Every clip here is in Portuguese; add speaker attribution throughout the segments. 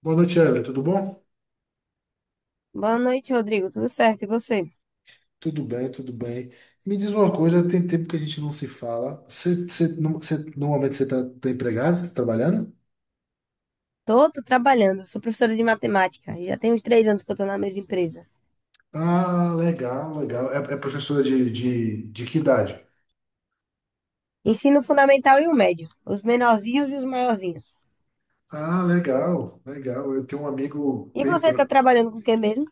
Speaker 1: Boa noite, Evelyn. Tudo bom?
Speaker 2: Boa noite, Rodrigo. Tudo certo? E você?
Speaker 1: Tudo bem, tudo bem. Me diz uma coisa, tem tempo que a gente não se fala. Você, você, no- você- Normalmente você está tá tá empregado, você tá trabalhando?
Speaker 2: Tô trabalhando. Sou professora de matemática. E já tem uns 3 anos que eu tô na mesma empresa.
Speaker 1: Ah, legal, legal. É, é professora de que idade?
Speaker 2: Ensino fundamental e o médio. Os menorzinhos e os maiorzinhos.
Speaker 1: Ah, legal, legal. Eu tenho um amigo
Speaker 2: E
Speaker 1: bem...
Speaker 2: você tá
Speaker 1: pro-
Speaker 2: trabalhando com o que mesmo?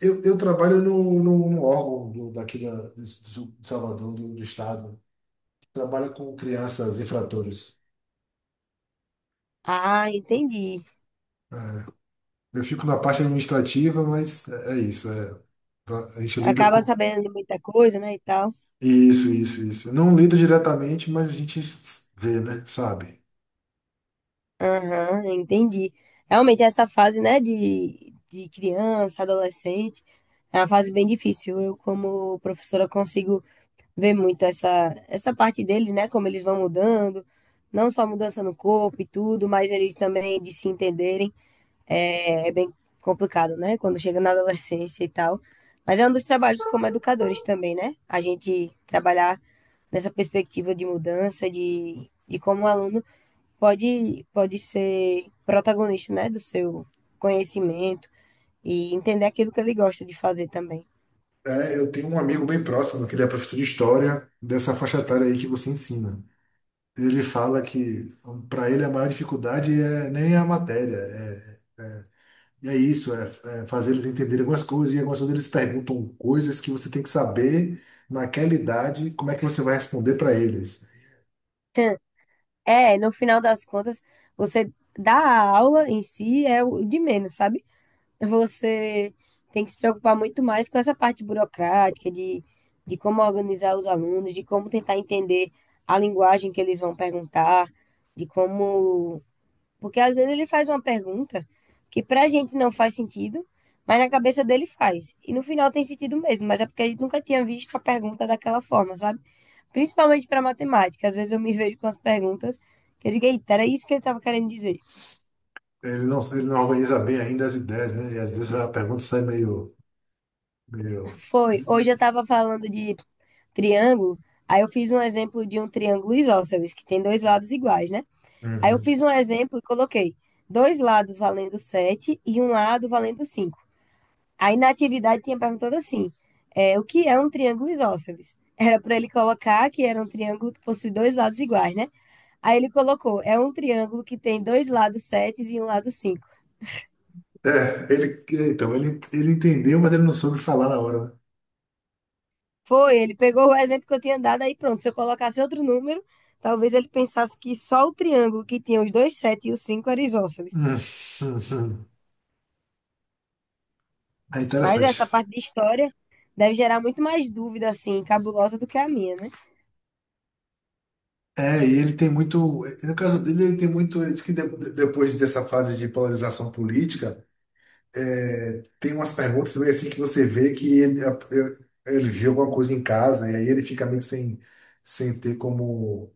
Speaker 1: Eu trabalho no órgão do, daqui da, de, Su- de Salvador, do estado. Trabalho com crianças infratores.
Speaker 2: Ah, entendi.
Speaker 1: É. Eu fico na parte administrativa, mas é isso. A gente lida
Speaker 2: Acaba
Speaker 1: com...
Speaker 2: sabendo de muita coisa, né, e tal.
Speaker 1: Isso, isso, isso. eu Não lido diretamente, mas a gente vê, né? Sabe?
Speaker 2: Aham, entendi. Realmente essa fase, né, de criança, adolescente, é uma fase bem difícil. Eu, como professora, consigo ver muito essa parte deles, né? Como eles vão mudando, não só mudança no corpo e tudo, mas eles também de se entenderem. É bem complicado, né? Quando chega na adolescência e tal. Mas é um dos trabalhos como educadores também, né? A gente trabalhar nessa perspectiva de mudança, de como o aluno pode ser protagonista, né? Do seu conhecimento e entender aquilo que ele gosta de fazer também.
Speaker 1: É, eu tenho um amigo bem próximo, que ele é professor de história, dessa faixa etária aí que você ensina. Ele fala que para ele a maior dificuldade é nem a matéria, é isso, é, é fazer eles entenderem algumas coisas, e algumas vezes eles perguntam coisas que você tem que saber naquela idade, como é que você vai responder para eles.
Speaker 2: É, no final das contas, você dá a aula em si é o de menos, sabe? Você tem que se preocupar muito mais com essa parte burocrática, de como organizar os alunos, de como tentar entender a linguagem que eles vão perguntar, de como. Porque às vezes ele faz uma pergunta que pra gente não faz sentido, mas na cabeça dele faz. E no final tem sentido mesmo, mas é porque a gente nunca tinha visto a pergunta daquela forma, sabe? Principalmente para matemática. Às vezes eu me vejo com as perguntas que eu digo, eita, era isso que ele estava querendo dizer.
Speaker 1: Ele não organiza bem ainda as ideias, né? E às vezes a pergunta sai meio,
Speaker 2: Foi, hoje eu estava falando de triângulo, aí eu fiz um exemplo de um triângulo isósceles, que tem dois lados iguais, né? Aí eu
Speaker 1: Uhum.
Speaker 2: fiz um exemplo e coloquei dois lados valendo 7 e um lado valendo 5. Aí na atividade tinha perguntado assim, o que é um triângulo isósceles? Era para ele colocar que era um triângulo que possui dois lados iguais, né? Aí ele colocou, é um triângulo que tem dois lados 7 e um lado 5.
Speaker 1: É, ele, ele entendeu, mas ele não soube falar na hora, né?
Speaker 2: Foi, ele pegou o exemplo que eu tinha dado, aí pronto. Se eu colocasse outro número, talvez ele pensasse que só o triângulo que tinha os dois sete e os cinco era isósceles.
Speaker 1: Hum, hum. É
Speaker 2: Mas
Speaker 1: interessante.
Speaker 2: essa parte de história deve gerar muito mais dúvida, assim, cabulosa do que a minha, né?
Speaker 1: É, e ele tem muito. No caso dele, ele tem muito. Ele diz que depois dessa fase de polarização política, tem umas perguntas meio assim que você vê que ele viu alguma coisa em casa, e aí ele fica meio que sem ter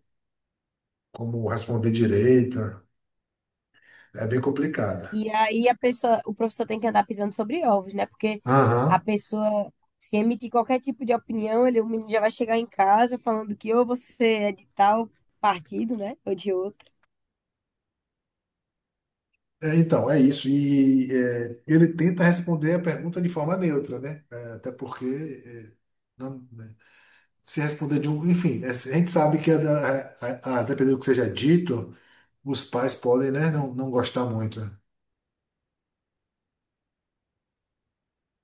Speaker 1: como responder direito. É bem complicado.
Speaker 2: E aí a pessoa, o professor tem que andar pisando sobre ovos, né? Porque a
Speaker 1: Aham.
Speaker 2: pessoa, se emitir qualquer tipo de opinião, ele, o menino já vai chegar em casa falando que ou você é de tal partido, né? Ou de outro.
Speaker 1: É isso. Ele tenta responder a pergunta de forma neutra, né? Até porque é, não- né? se responder de um. Enfim, a gente sabe que, a, da- a- dependendo do que seja dito, os pais podem, né, não gostar muito.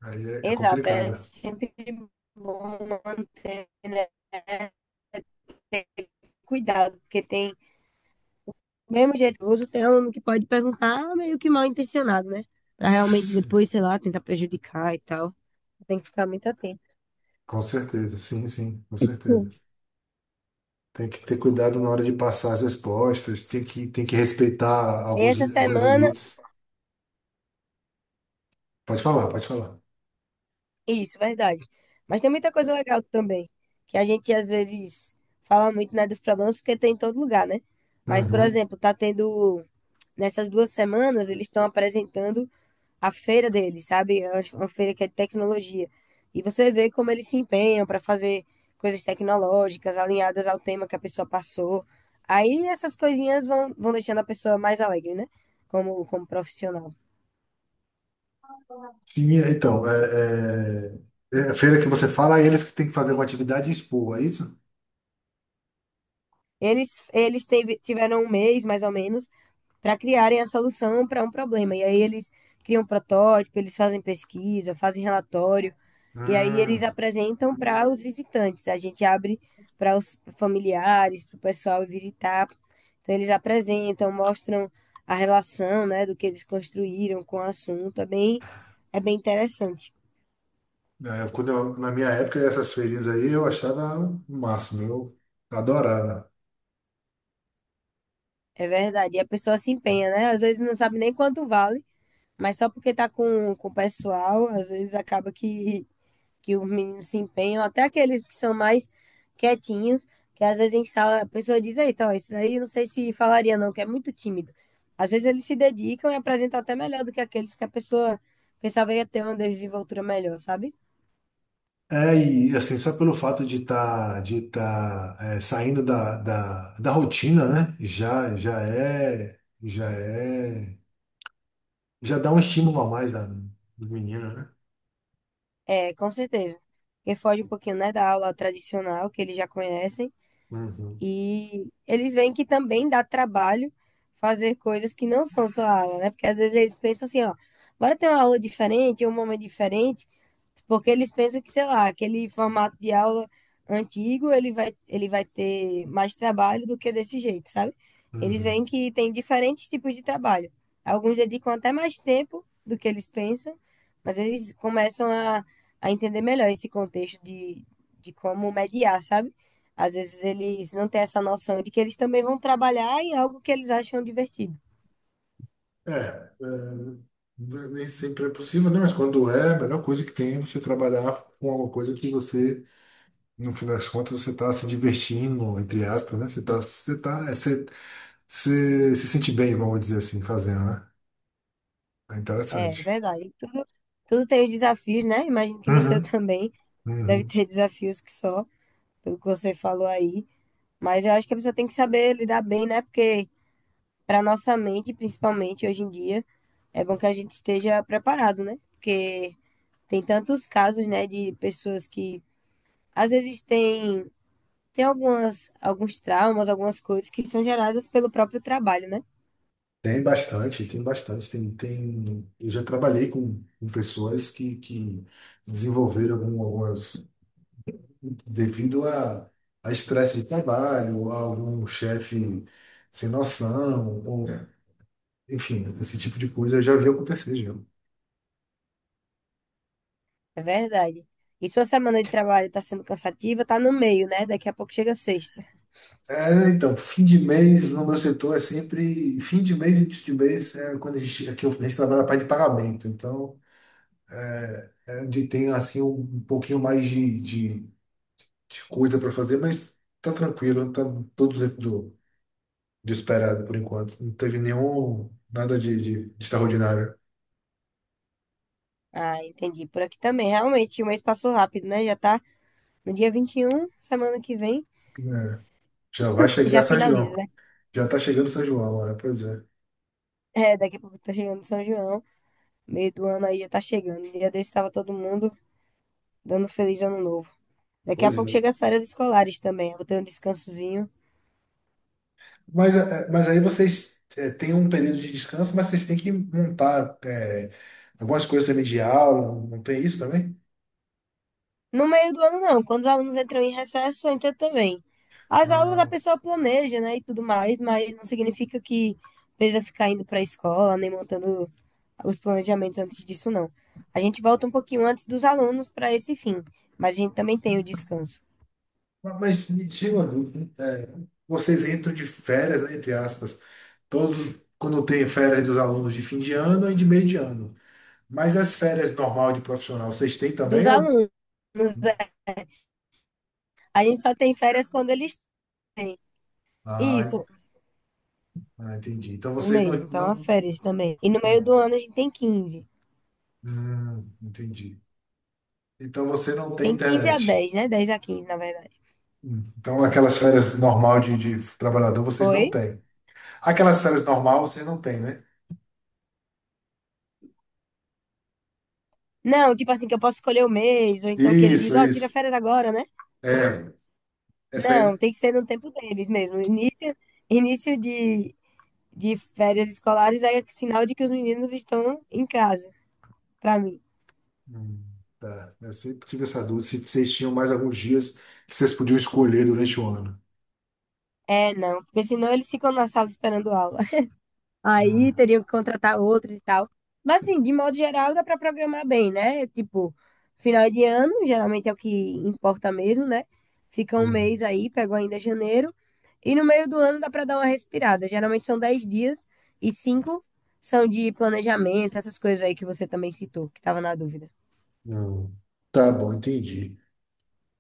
Speaker 1: É
Speaker 2: Exato, é
Speaker 1: complicado.
Speaker 2: sempre bom manter, né? Cuidado, porque tem, do mesmo jeito que eu uso, tem aluno que pode perguntar meio que mal intencionado, né? Pra realmente
Speaker 1: Sim,
Speaker 2: depois, sei lá, tentar prejudicar e tal. Tem que ficar muito atento.
Speaker 1: com certeza, sim, sim, com certeza.
Speaker 2: Sim.
Speaker 1: Tem que ter cuidado na hora de passar as respostas, tem que respeitar
Speaker 2: E essa
Speaker 1: alguns
Speaker 2: semana,
Speaker 1: limites. Pode falar, pode falar.
Speaker 2: isso, verdade. Mas tem muita coisa legal também, que a gente às vezes fala muito, né, dos problemas, porque tem em todo lugar, né? Mas, por
Speaker 1: Uhum.
Speaker 2: exemplo, tá tendo, nessas 2 semanas, eles estão apresentando a feira deles, sabe? É uma feira que é de tecnologia. E você vê como eles se empenham para fazer coisas tecnológicas alinhadas ao tema que a pessoa passou. Aí essas coisinhas vão deixando a pessoa mais alegre, né? Como profissional.
Speaker 1: Sim, então, é, é a feira que você fala, é eles que têm que fazer uma atividade e expor, é isso?
Speaker 2: Eles tiveram um mês, mais ou menos, para criarem a solução para um problema. E aí eles criam um protótipo, eles fazem pesquisa, fazem relatório, e aí eles
Speaker 1: Hum.
Speaker 2: apresentam para os visitantes. A gente abre para os familiares, para o pessoal ir visitar. Então eles apresentam, mostram a relação, né, do que eles construíram com o assunto. É bem interessante.
Speaker 1: Na minha época, essas feirinhas aí eu achava o máximo, eu adorava.
Speaker 2: É verdade. E a pessoa se empenha, né? Às vezes não sabe nem quanto vale. Mas só porque tá com, o pessoal, às vezes acaba que os meninos se empenham, até aqueles que são mais quietinhos, que às vezes em sala a pessoa diz, eita, ó, esse daí eu não sei se falaria não, que é muito tímido. Às vezes eles se dedicam e apresentam até melhor do que aqueles que a pessoa pensava ia ter uma desenvoltura melhor, sabe?
Speaker 1: É, e assim, só pelo fato de tá, é, saindo da rotina, né? Já dá um estímulo a mais do menino, né?
Speaker 2: É, com certeza. Porque foge um pouquinho, né, da aula tradicional que eles já conhecem.
Speaker 1: Uhum,
Speaker 2: E eles veem que também dá trabalho fazer coisas que não são só aula, né? Porque às vezes eles pensam assim, ó, bora ter uma aula diferente, um momento diferente, porque eles pensam que, sei lá, aquele formato de aula antigo, ele vai ter mais trabalho do que desse jeito, sabe? Eles
Speaker 1: uhum.
Speaker 2: veem que tem diferentes tipos de trabalho. Alguns dedicam até mais tempo do que eles pensam, mas eles começam a entender melhor esse contexto de como mediar, sabe? Às vezes eles não têm essa noção de que eles também vão trabalhar em algo que eles acham divertido.
Speaker 1: Nem sempre é possível, né? Mas quando é, a melhor coisa que tem é você trabalhar com alguma coisa que você, no fim das contas, você está se divertindo, entre aspas, né? Você está, você tá, é, você, você se sente bem, vamos dizer assim, fazendo, né? É
Speaker 2: É
Speaker 1: interessante.
Speaker 2: verdade. Tudo tem os desafios, né? Imagino que no seu
Speaker 1: Uhum,
Speaker 2: também deve
Speaker 1: uhum.
Speaker 2: ter desafios que só, pelo que você falou aí. Mas eu acho que a pessoa tem que saber lidar bem, né? Porque para nossa mente, principalmente hoje em dia, é bom que a gente esteja preparado, né? Porque tem tantos casos, né, de pessoas que às vezes têm algumas, alguns traumas, algumas coisas que são geradas pelo próprio trabalho, né?
Speaker 1: Tem bastante, tem bastante. Tem, tem... Eu já trabalhei com pessoas que desenvolveram algumas devido a estresse de trabalho, a algum chefe sem noção, ou, É, enfim, esse tipo de coisa eu já vi acontecer, já.
Speaker 2: É verdade. E sua semana de trabalho está sendo cansativa, tá no meio, né? Daqui a pouco chega sexta.
Speaker 1: Fim de mês no meu setor é sempre fim de mês e início de mês é quando a gente, aqui a gente trabalha na parte de pagamento, então é onde tem assim um pouquinho mais de coisa para fazer, mas tá tranquilo, tá tudo dentro do esperado por enquanto. Não teve nenhum nada de extraordinário.
Speaker 2: Ah, entendi. Por aqui também. Realmente, o mês passou rápido, né? Já tá no dia 21 semana que vem,
Speaker 1: É. Já vai chegar
Speaker 2: já
Speaker 1: São
Speaker 2: finaliza,
Speaker 1: João.
Speaker 2: né?
Speaker 1: Já está chegando São João, é, pois é.
Speaker 2: É, daqui a pouco tá chegando São João. Meio do ano aí já tá chegando. Dia desse tava todo mundo dando feliz ano novo. Daqui a
Speaker 1: Pois
Speaker 2: pouco chega
Speaker 1: é.
Speaker 2: as férias escolares também. Eu vou ter um descansozinho.
Speaker 1: Mas aí vocês é, têm um período de descanso, mas vocês têm que montar é, algumas coisas também de aula, não tem isso também?
Speaker 2: No meio do ano, não. Quando os alunos entram em recesso, entra também. As aulas a
Speaker 1: Ah,
Speaker 2: pessoa planeja, né, e tudo mais, mas não significa que precisa ficar indo para a escola, nem montando os planejamentos antes disso, não. A gente volta um pouquinho antes dos alunos para esse fim, mas a gente também tem o descanso
Speaker 1: mas me tira uma dúvida. Vocês entram de férias, né, entre aspas, todos quando tem férias dos alunos de fim de ano e de meio de ano. Mas as férias normal de profissional, vocês têm
Speaker 2: dos
Speaker 1: também? Ou...
Speaker 2: alunos. é, A gente só tem férias quando eles têm.
Speaker 1: Ah,
Speaker 2: Isso,
Speaker 1: ah, entendi. Então
Speaker 2: um
Speaker 1: vocês
Speaker 2: mês, então há
Speaker 1: não...
Speaker 2: férias também. E no meio
Speaker 1: Hum,
Speaker 2: do ano a gente tem 15.
Speaker 1: entendi. Então você não tem
Speaker 2: Tem 15 a
Speaker 1: internet.
Speaker 2: 10, né? 10 a 15, na verdade.
Speaker 1: Então aquelas férias normal de trabalhador vocês não
Speaker 2: Oi?
Speaker 1: têm. Aquelas férias normal vocês não têm, né?
Speaker 2: Não, tipo assim, que eu posso escolher o mês, ou então que ele diz,
Speaker 1: Isso,
Speaker 2: ó, tira
Speaker 1: isso.
Speaker 2: férias agora, né?
Speaker 1: É, essa aí. Né?
Speaker 2: Não, tem que ser no tempo deles mesmo. Início de férias escolares é sinal de que os meninos estão em casa, pra mim.
Speaker 1: Hum, tá. Eu sempre tive essa dúvida se vocês tinham mais alguns dias que vocês podiam escolher durante o ano.
Speaker 2: É, não, porque senão eles ficam na sala esperando aula. Aí
Speaker 1: Hum,
Speaker 2: teriam que contratar outros e tal. Mas assim, de modo geral, dá para programar bem, né? Tipo, final de ano, geralmente é o que importa mesmo, né? Fica um
Speaker 1: hum,
Speaker 2: mês aí, pego ainda janeiro. E no meio do ano dá para dar uma respirada. Geralmente são 10 dias e cinco são de planejamento, essas coisas aí que você também citou, que estava na dúvida.
Speaker 1: hum. Tá bom, entendi.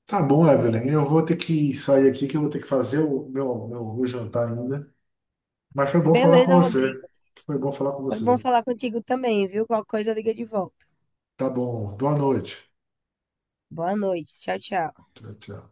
Speaker 1: Tá bom, Evelyn. Eu vou ter que sair aqui que eu vou ter que fazer o meu jantar ainda. Mas foi bom falar com
Speaker 2: Beleza,
Speaker 1: você.
Speaker 2: Rodrigo.
Speaker 1: Foi bom falar com
Speaker 2: Foi bom
Speaker 1: você.
Speaker 2: falar contigo também, viu? Qualquer coisa liga de volta.
Speaker 1: Tá bom. Boa noite.
Speaker 2: Boa noite. Tchau, tchau.
Speaker 1: Tchau, tchau.